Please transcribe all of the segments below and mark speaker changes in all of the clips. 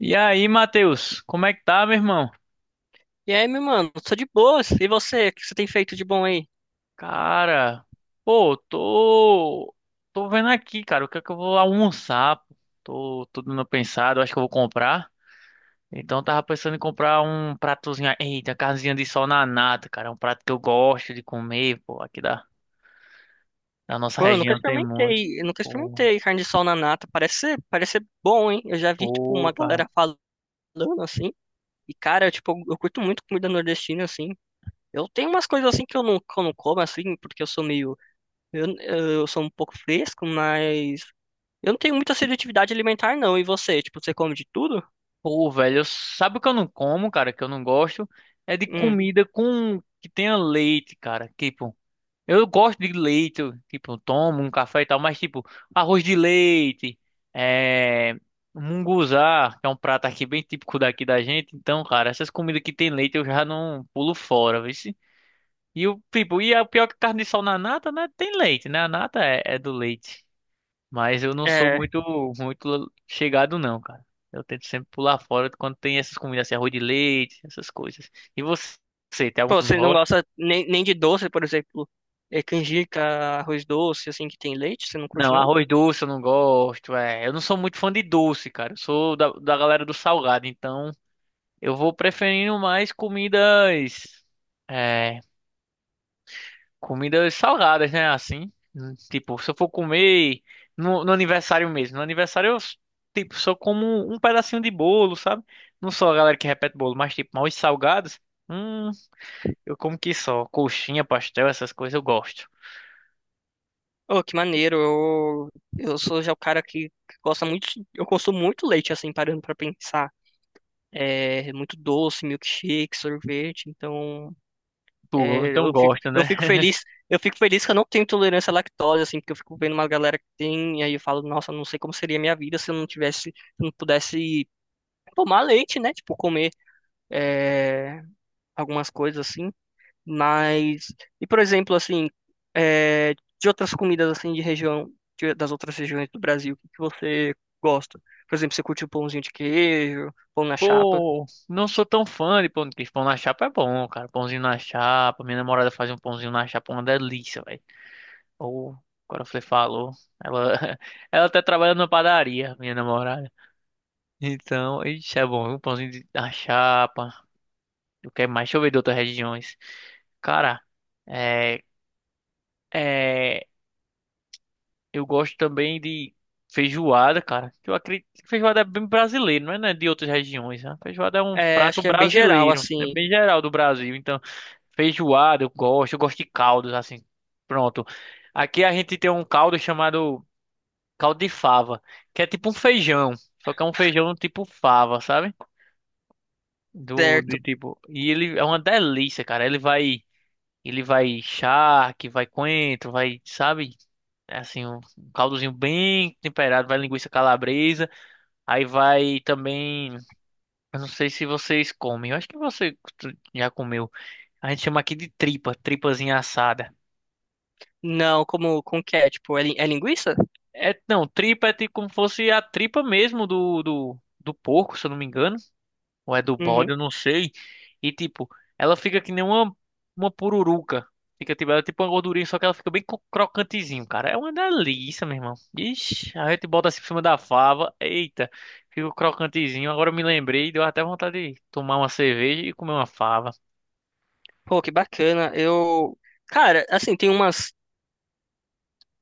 Speaker 1: E aí, Matheus, como é que tá, meu irmão?
Speaker 2: E aí, meu mano, tô de boas. E você? O que você tem feito de bom aí?
Speaker 1: Cara, pô, tô vendo aqui, cara, o que é que eu vou almoçar, pô? Tô dando uma pensada, eu acho que eu vou comprar. Então, eu tava pensando em comprar um pratozinho, eita, carnezinha de sol na nata, cara, é um prato que eu gosto de comer, pô, aqui da nossa
Speaker 2: Pô, eu nunca
Speaker 1: região tem muito.
Speaker 2: experimentei, eu nunca
Speaker 1: Pô,
Speaker 2: experimentei carne de sol na nata. Parece ser bom, hein? Eu já vi, tipo,
Speaker 1: pô,
Speaker 2: uma
Speaker 1: cara,
Speaker 2: galera falando assim. E, cara, tipo, eu curto muito comida nordestina, assim. Eu tenho umas coisas assim que eu não como, assim, porque eu sou meio. Eu sou um pouco fresco, mas eu não tenho muita seletividade alimentar, não. E você come de tudo?
Speaker 1: pô, velho, sabe o que eu não como, cara, que eu não gosto? É de
Speaker 2: Hum,
Speaker 1: comida com que tenha leite, cara, tipo. Eu gosto de leite, eu, tipo, eu tomo um café e tal, mas tipo, arroz de leite, é, munguzá, que é um prato aqui bem típico daqui da gente. Então, cara, essas comidas que tem leite eu já não pulo fora, viu? E o tipo, e a pior que carne de sol na nata, né? Tem leite, né? A nata é do leite. Mas eu não sou
Speaker 2: é,
Speaker 1: muito, muito chegado, não, cara. Eu tento sempre pular fora quando tem essas comidas assim, arroz de leite, essas coisas. E você tem algum
Speaker 2: pô,
Speaker 1: que não
Speaker 2: você não
Speaker 1: gosta?
Speaker 2: gosta nem de doce, por exemplo, canjica, arroz doce, assim, que tem leite? Você não curte,
Speaker 1: Não,
Speaker 2: não?
Speaker 1: arroz doce eu não gosto. É, eu não sou muito fã de doce, cara. Eu sou da, galera do salgado, então eu vou preferindo mais comidas, é, comidas salgadas, né? Assim, tipo, se eu for comer no aniversário mesmo, no aniversário eu tipo só como um pedacinho de bolo, sabe? Não sou a galera que repete bolo, mas tipo, mais salgados, hum, eu como que só coxinha, pastel, essas coisas eu gosto.
Speaker 2: Oh, que maneiro. Eu sou já o cara que gosta muito. Eu consumo muito leite, assim, parando pra pensar. É muito doce, milkshake, sorvete. Então.
Speaker 1: Tu,
Speaker 2: É,
Speaker 1: então
Speaker 2: eu fico,
Speaker 1: gosta,
Speaker 2: eu
Speaker 1: né?
Speaker 2: fico feliz, eu fico feliz que eu não tenho intolerância à lactose, assim, porque eu fico vendo uma galera que tem, e aí eu falo, nossa, não sei como seria a minha vida se eu não tivesse, se eu não pudesse tomar leite, né? Tipo, comer é, algumas coisas assim. Mas, e por exemplo, assim, é, de outras comidas assim de região, das outras regiões do Brasil, o que que você gosta? Por exemplo, você curte o pãozinho de queijo, pão na chapa?
Speaker 1: Pô, não sou tão fã de pão de queijo. Pão na chapa é bom, cara. Pãozinho na chapa. Minha namorada faz um pãozinho na chapa, uma delícia, velho. Ou, agora você falou. Ela, ela até trabalha numa padaria, minha namorada. Então, isso é bom. Um pãozinho na chapa. O que é mais? Deixa eu ver de outras regiões. Cara, é. É. Eu gosto também de feijoada, cara. Eu acredito que feijoada é bem brasileiro, não é, né, de outras regiões. Né? Feijoada é um
Speaker 2: É, acho
Speaker 1: prato
Speaker 2: que é bem geral,
Speaker 1: brasileiro, é
Speaker 2: assim,
Speaker 1: bem geral do Brasil. Então, feijoada eu gosto, de caldos assim. Pronto. Aqui a gente tem um caldo chamado caldo de fava, que é tipo um feijão, só que é um feijão tipo fava, sabe? Do de
Speaker 2: certo?
Speaker 1: tipo, e ele é uma delícia, cara. ele vai charque, vai coentro, vai, sabe? É assim, um caldozinho bem temperado, vai linguiça calabresa, aí vai também, eu não sei se vocês comem, eu acho que você já comeu. A gente chama aqui de tripa, tripazinha assada.
Speaker 2: Não, como que é? Tipo, é linguiça?
Speaker 1: É, não, tripa é tipo como fosse a tripa mesmo do, do porco, se eu não me engano. Ou é do bode,
Speaker 2: Uhum.
Speaker 1: eu não sei. E tipo, ela fica que nem uma pururuca. Fica tipo, ela é tipo uma gordurinha, só que ela fica bem crocantezinho, cara. É uma delícia, meu irmão. Ixi, a gente bota assim por cima da fava. Eita, fica crocantezinho. Agora eu me lembrei, deu até vontade de tomar uma cerveja e comer uma fava.
Speaker 2: Pô, que bacana. Eu, cara, assim, tem umas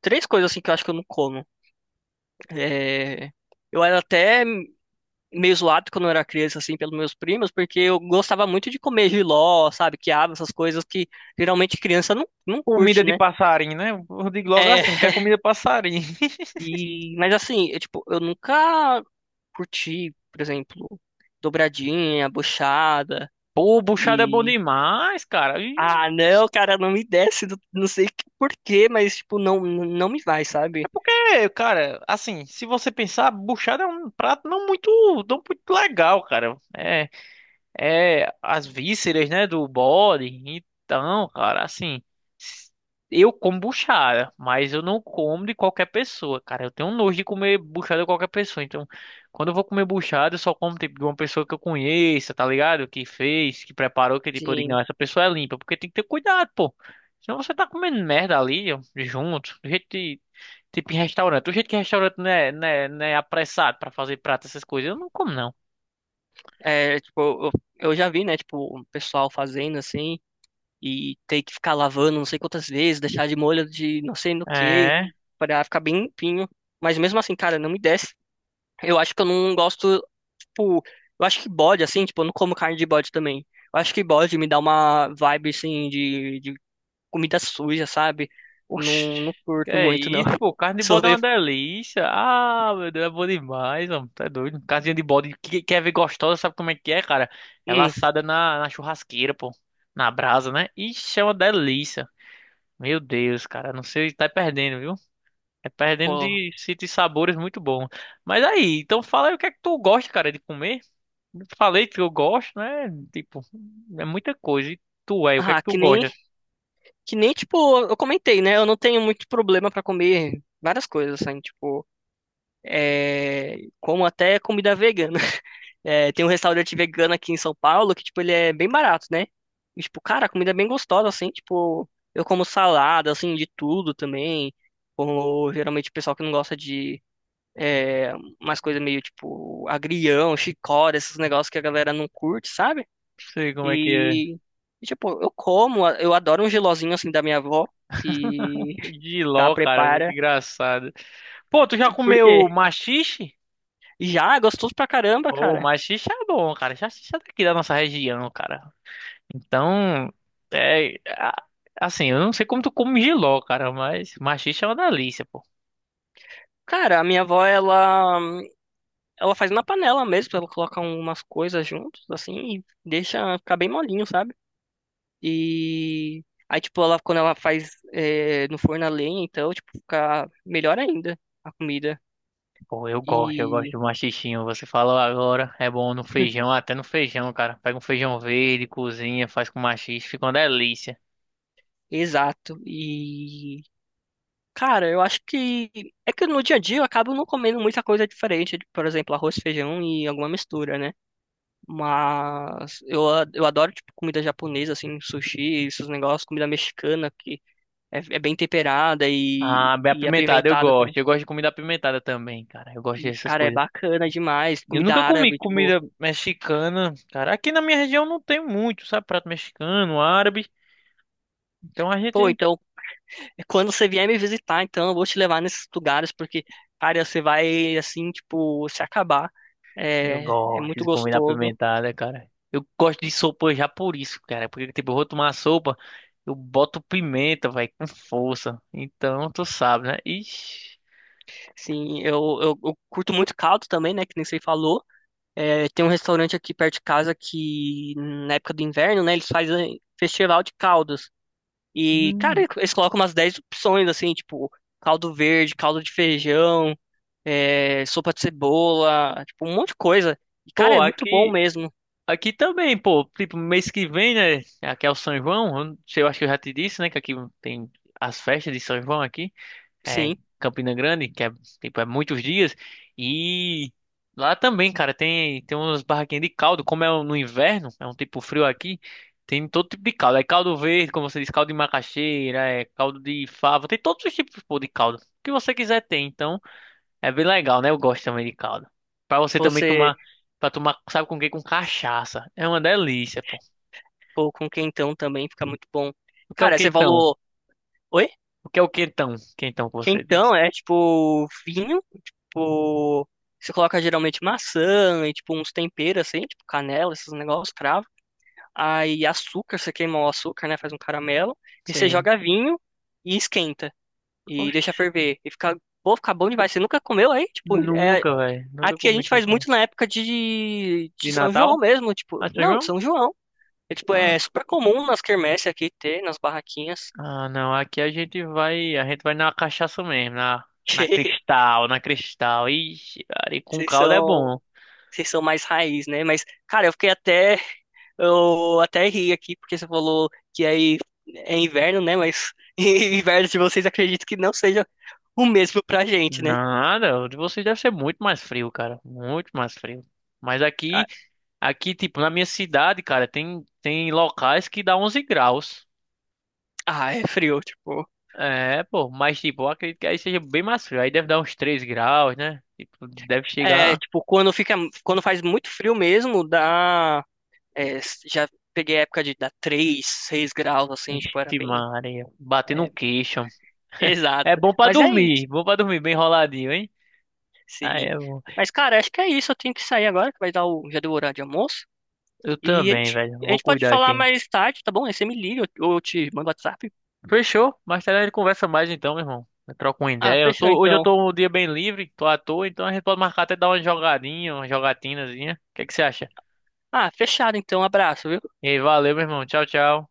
Speaker 2: três coisas assim que eu acho que eu não como. É, Eu era até meio zoado quando eu era criança, assim, pelos meus primos, porque eu gostava muito de comer jiló, sabe, quiabo, essas coisas que geralmente criança não
Speaker 1: Comida
Speaker 2: curte,
Speaker 1: de
Speaker 2: né?
Speaker 1: passarinho, né? Eu digo logo
Speaker 2: É,
Speaker 1: assim, que é comida de passarinho.
Speaker 2: e, mas assim, eu nunca curti, por exemplo, dobradinha, buchada
Speaker 1: Pô, buchada é bom
Speaker 2: e...
Speaker 1: demais, cara. E,
Speaker 2: Ah, não, cara, não me desce, não, não sei por quê, mas, tipo, não, não me vai, sabe?
Speaker 1: é, cara, assim, se você pensar, buchada é um prato não muito, não muito legal, cara. É. É as vísceras, né, do bode. Então, cara, assim, eu como buchada, mas eu não como de qualquer pessoa, cara. Eu tenho nojo de comer buchada de qualquer pessoa. Então, quando eu vou comer buchada, eu só como tipo, de uma pessoa que eu conheça, tá ligado? Que fez, que preparou, que tipo, eu digo,
Speaker 2: Sim,
Speaker 1: não, essa pessoa é limpa, porque tem que ter cuidado, pô. Senão você tá comendo merda ali, ó, junto, do jeito de, tipo em restaurante. Do jeito que restaurante não é apressado pra fazer prato, essas coisas, eu não como, não.
Speaker 2: tipo, eu, eu já vi, né, tipo, o pessoal fazendo assim, e ter que ficar lavando não sei quantas vezes, deixar de molho de não sei no que,
Speaker 1: É.
Speaker 2: pra ficar bem limpinho. Mas mesmo assim, cara, não me desce. Eu acho que eu não gosto, tipo, eu acho que bode, assim, tipo, eu não como carne de bode também. Eu acho que bode me dá uma vibe, assim, de comida suja, sabe?
Speaker 1: Oxi,
Speaker 2: Não, não
Speaker 1: que
Speaker 2: curto
Speaker 1: é
Speaker 2: muito, não.
Speaker 1: isso, pô? Carne de bode é uma
Speaker 2: Sorvete,
Speaker 1: delícia. Ah, meu Deus, é bom demais, mano. Tá doido. Casinha de bode, que quer ver gostosa, sabe como é que é, cara? Ela
Speaker 2: hum,
Speaker 1: assada na, churrasqueira, pô. Na brasa, né? Ixi, é uma delícia. Meu Deus, cara, não sei, tá perdendo, viu? É perdendo
Speaker 2: pô.
Speaker 1: de sabores muito bons. Mas aí, então fala aí o que é que tu gosta, cara, de comer. Eu falei que eu gosto, né? Tipo, é muita coisa. E tu, o que é que
Speaker 2: Ah,
Speaker 1: tu
Speaker 2: que nem
Speaker 1: gosta?
Speaker 2: Que nem, tipo, eu comentei, né? Eu não tenho muito problema pra comer várias coisas, assim, tipo, como até comida vegana. É, tem um restaurante vegano aqui em São Paulo que, tipo, ele é bem barato, né? E, tipo, cara, a comida é bem gostosa, assim, tipo, eu como salada, assim, de tudo também. Como geralmente o pessoal que não gosta de é, umas coisas meio tipo agrião, chicória, esses negócios que a galera não curte, sabe?
Speaker 1: Não sei como é que é.
Speaker 2: E, e, tipo, eu adoro um gelozinho assim da minha avó, que que ela
Speaker 1: Giló, cara, muito
Speaker 2: prepara.
Speaker 1: engraçado. Pô, tu já
Speaker 2: E por quê?
Speaker 1: comeu maxixe?
Speaker 2: Já, é gostoso pra caramba,
Speaker 1: Pô,
Speaker 2: cara.
Speaker 1: maxixe é bom, cara. Maxixe é daqui da nossa região, cara. Então, é... a- assim, eu não sei como tu come jiló, cara, mas maxixe é uma delícia, pô.
Speaker 2: Cara, a minha avó, ela, faz na panela mesmo, ela coloca umas coisas juntos, assim, e deixa ficar bem molinho, sabe? E aí, tipo, ela, quando ela faz no forno a lenha, então, tipo, fica melhor ainda a comida.
Speaker 1: Pô, eu gosto
Speaker 2: E,
Speaker 1: de maxixinho. Você falou agora, é bom no feijão, até no feijão, cara. Pega um feijão verde, cozinha, faz com maxixe, fica uma delícia.
Speaker 2: exato. E, cara, eu acho que, é que no dia a dia eu acabo não comendo muita coisa diferente, por exemplo, arroz, feijão e alguma mistura, né? Mas eu adoro, tipo, comida japonesa, assim, sushi, esses negócios, comida mexicana, que é bem temperada e,
Speaker 1: Ah, bem
Speaker 2: e
Speaker 1: apimentado, eu
Speaker 2: apimentada também.
Speaker 1: gosto. Eu gosto de comida apimentada também, cara. Eu gosto
Speaker 2: E,
Speaker 1: dessas
Speaker 2: cara, é
Speaker 1: coisas.
Speaker 2: bacana demais.
Speaker 1: Eu
Speaker 2: Comida
Speaker 1: nunca comi
Speaker 2: árabe, tipo,
Speaker 1: comida mexicana, cara. Aqui na minha região não tem muito, sabe? Prato mexicano, árabe. Então a
Speaker 2: pô,
Speaker 1: gente.
Speaker 2: então, quando você vier me visitar, então, eu vou te levar nesses lugares, porque, cara, você vai, assim, tipo, se acabar.
Speaker 1: Eu
Speaker 2: É, é
Speaker 1: gosto
Speaker 2: muito
Speaker 1: de comida
Speaker 2: gostoso.
Speaker 1: apimentada, cara. Eu gosto de sopa já por isso, cara. Porque, tipo, eu vou tomar sopa, eu boto pimenta, vai, com força. Então, tu sabe, né? Ixi.
Speaker 2: Sim, eu curto muito caldo também, né, que nem você falou. É, tem um restaurante aqui perto de casa que, na época do inverno, né, eles fazem festival de caldos. E, cara,
Speaker 1: Hum.
Speaker 2: eles colocam umas 10 opções, assim, tipo, caldo verde, caldo de feijão, sopa de cebola, tipo, um monte de coisa. E, cara,
Speaker 1: Pô,
Speaker 2: é muito bom
Speaker 1: aqui.
Speaker 2: mesmo.
Speaker 1: Aqui também, pô. Tipo, mês que vem, né? Aqui é o São João. Eu não sei, eu acho que eu já te disse, né? Que aqui tem as festas de São João aqui. É, em
Speaker 2: Sim,
Speaker 1: Campina Grande, que é, tipo, é muitos dias. E lá também, cara, tem, umas barraquinhas de caldo, como é no inverno, é um tipo frio aqui, tem todo tipo de caldo. É caldo verde, como você diz, caldo de macaxeira, é caldo de fava, tem todos os tipos, pô, de caldo. O que você quiser tem, então é bem legal, né? Eu gosto também de caldo. Pra você também
Speaker 2: você,
Speaker 1: tomar, pra tomar, sabe com o quê? Com cachaça. É uma delícia, pô.
Speaker 2: pô, com quentão também fica muito bom.
Speaker 1: O que é o
Speaker 2: Cara, você
Speaker 1: quentão?
Speaker 2: falou, oi?
Speaker 1: O que é o quentão? Quentão que você disse.
Speaker 2: Quentão é, tipo, vinho, tipo, você coloca geralmente maçã e, tipo, uns temperos, assim, tipo, canela, esses negócios, cravo. Aí açúcar, você queima o açúcar, né? Faz um caramelo. E você
Speaker 1: Sim.
Speaker 2: joga vinho e esquenta. E deixa
Speaker 1: Oxe,
Speaker 2: ferver. E pô, fica bom demais. Você nunca comeu aí? Tipo,
Speaker 1: nunca, velho. Nunca
Speaker 2: aqui a
Speaker 1: comi
Speaker 2: gente faz
Speaker 1: quentão.
Speaker 2: muito na época de,
Speaker 1: De
Speaker 2: de São João
Speaker 1: Natal?
Speaker 2: mesmo.
Speaker 1: Ah,
Speaker 2: Tipo,
Speaker 1: São
Speaker 2: não, de
Speaker 1: João?
Speaker 2: São João. É, tipo,
Speaker 1: Ah,
Speaker 2: é super comum nas quermesses aqui ter, nas barraquinhas.
Speaker 1: ah, não. Aqui a gente vai, na cachaça mesmo, na Cristal, na Cristal. Ixi, cara, e
Speaker 2: Que
Speaker 1: com
Speaker 2: Vocês
Speaker 1: caldo é
Speaker 2: são,
Speaker 1: bom.
Speaker 2: vocês são mais raiz, né? Mas, cara, Eu até ri aqui, porque você falou que aí é inverno, né? Mas inverno de vocês acredito que não seja o mesmo pra gente, né?
Speaker 1: Nada, o de vocês deve ser muito mais frio, cara. Muito mais frio. Mas aqui,
Speaker 2: Ah,
Speaker 1: aqui, tipo, na minha cidade, cara, tem locais que dá 11 graus.
Speaker 2: ah, é frio, tipo.
Speaker 1: É, pô, mas tipo, eu acredito que aí seja bem mais frio. Aí deve dar uns 3 graus, né? Tipo, deve
Speaker 2: É,
Speaker 1: chegar.
Speaker 2: tipo, quando faz muito frio mesmo, dá. É, já peguei a época de dar 3 6 graus, assim, tipo, era
Speaker 1: Ixi,
Speaker 2: bem.
Speaker 1: Maria, bater
Speaker 2: É,
Speaker 1: no queixo. É
Speaker 2: exato. Mas é isso,
Speaker 1: bom pra dormir, bem enroladinho, hein? Ah,
Speaker 2: sim.
Speaker 1: é bom.
Speaker 2: Mas, cara, acho que é isso. Eu tenho que sair agora, que vai dar o. Já deu o horário de almoço.
Speaker 1: Eu
Speaker 2: E a
Speaker 1: também,
Speaker 2: gente,
Speaker 1: velho.
Speaker 2: a
Speaker 1: Vou
Speaker 2: gente pode
Speaker 1: cuidar
Speaker 2: falar
Speaker 1: aqui.
Speaker 2: mais tarde, tá bom? Aí você me liga, eu te mando WhatsApp.
Speaker 1: Fechou? Mais tarde a gente conversa mais então, meu irmão. Eu troco uma
Speaker 2: Ah,
Speaker 1: ideia. Eu
Speaker 2: fechou
Speaker 1: tô, hoje eu
Speaker 2: então.
Speaker 1: tô um dia bem livre, tô à toa, então a gente pode marcar até dar uma jogadinha, uma jogatinazinha. O que é que você acha?
Speaker 2: Ah, fechado então. Abraço, viu?
Speaker 1: E aí, valeu, meu irmão. Tchau, tchau.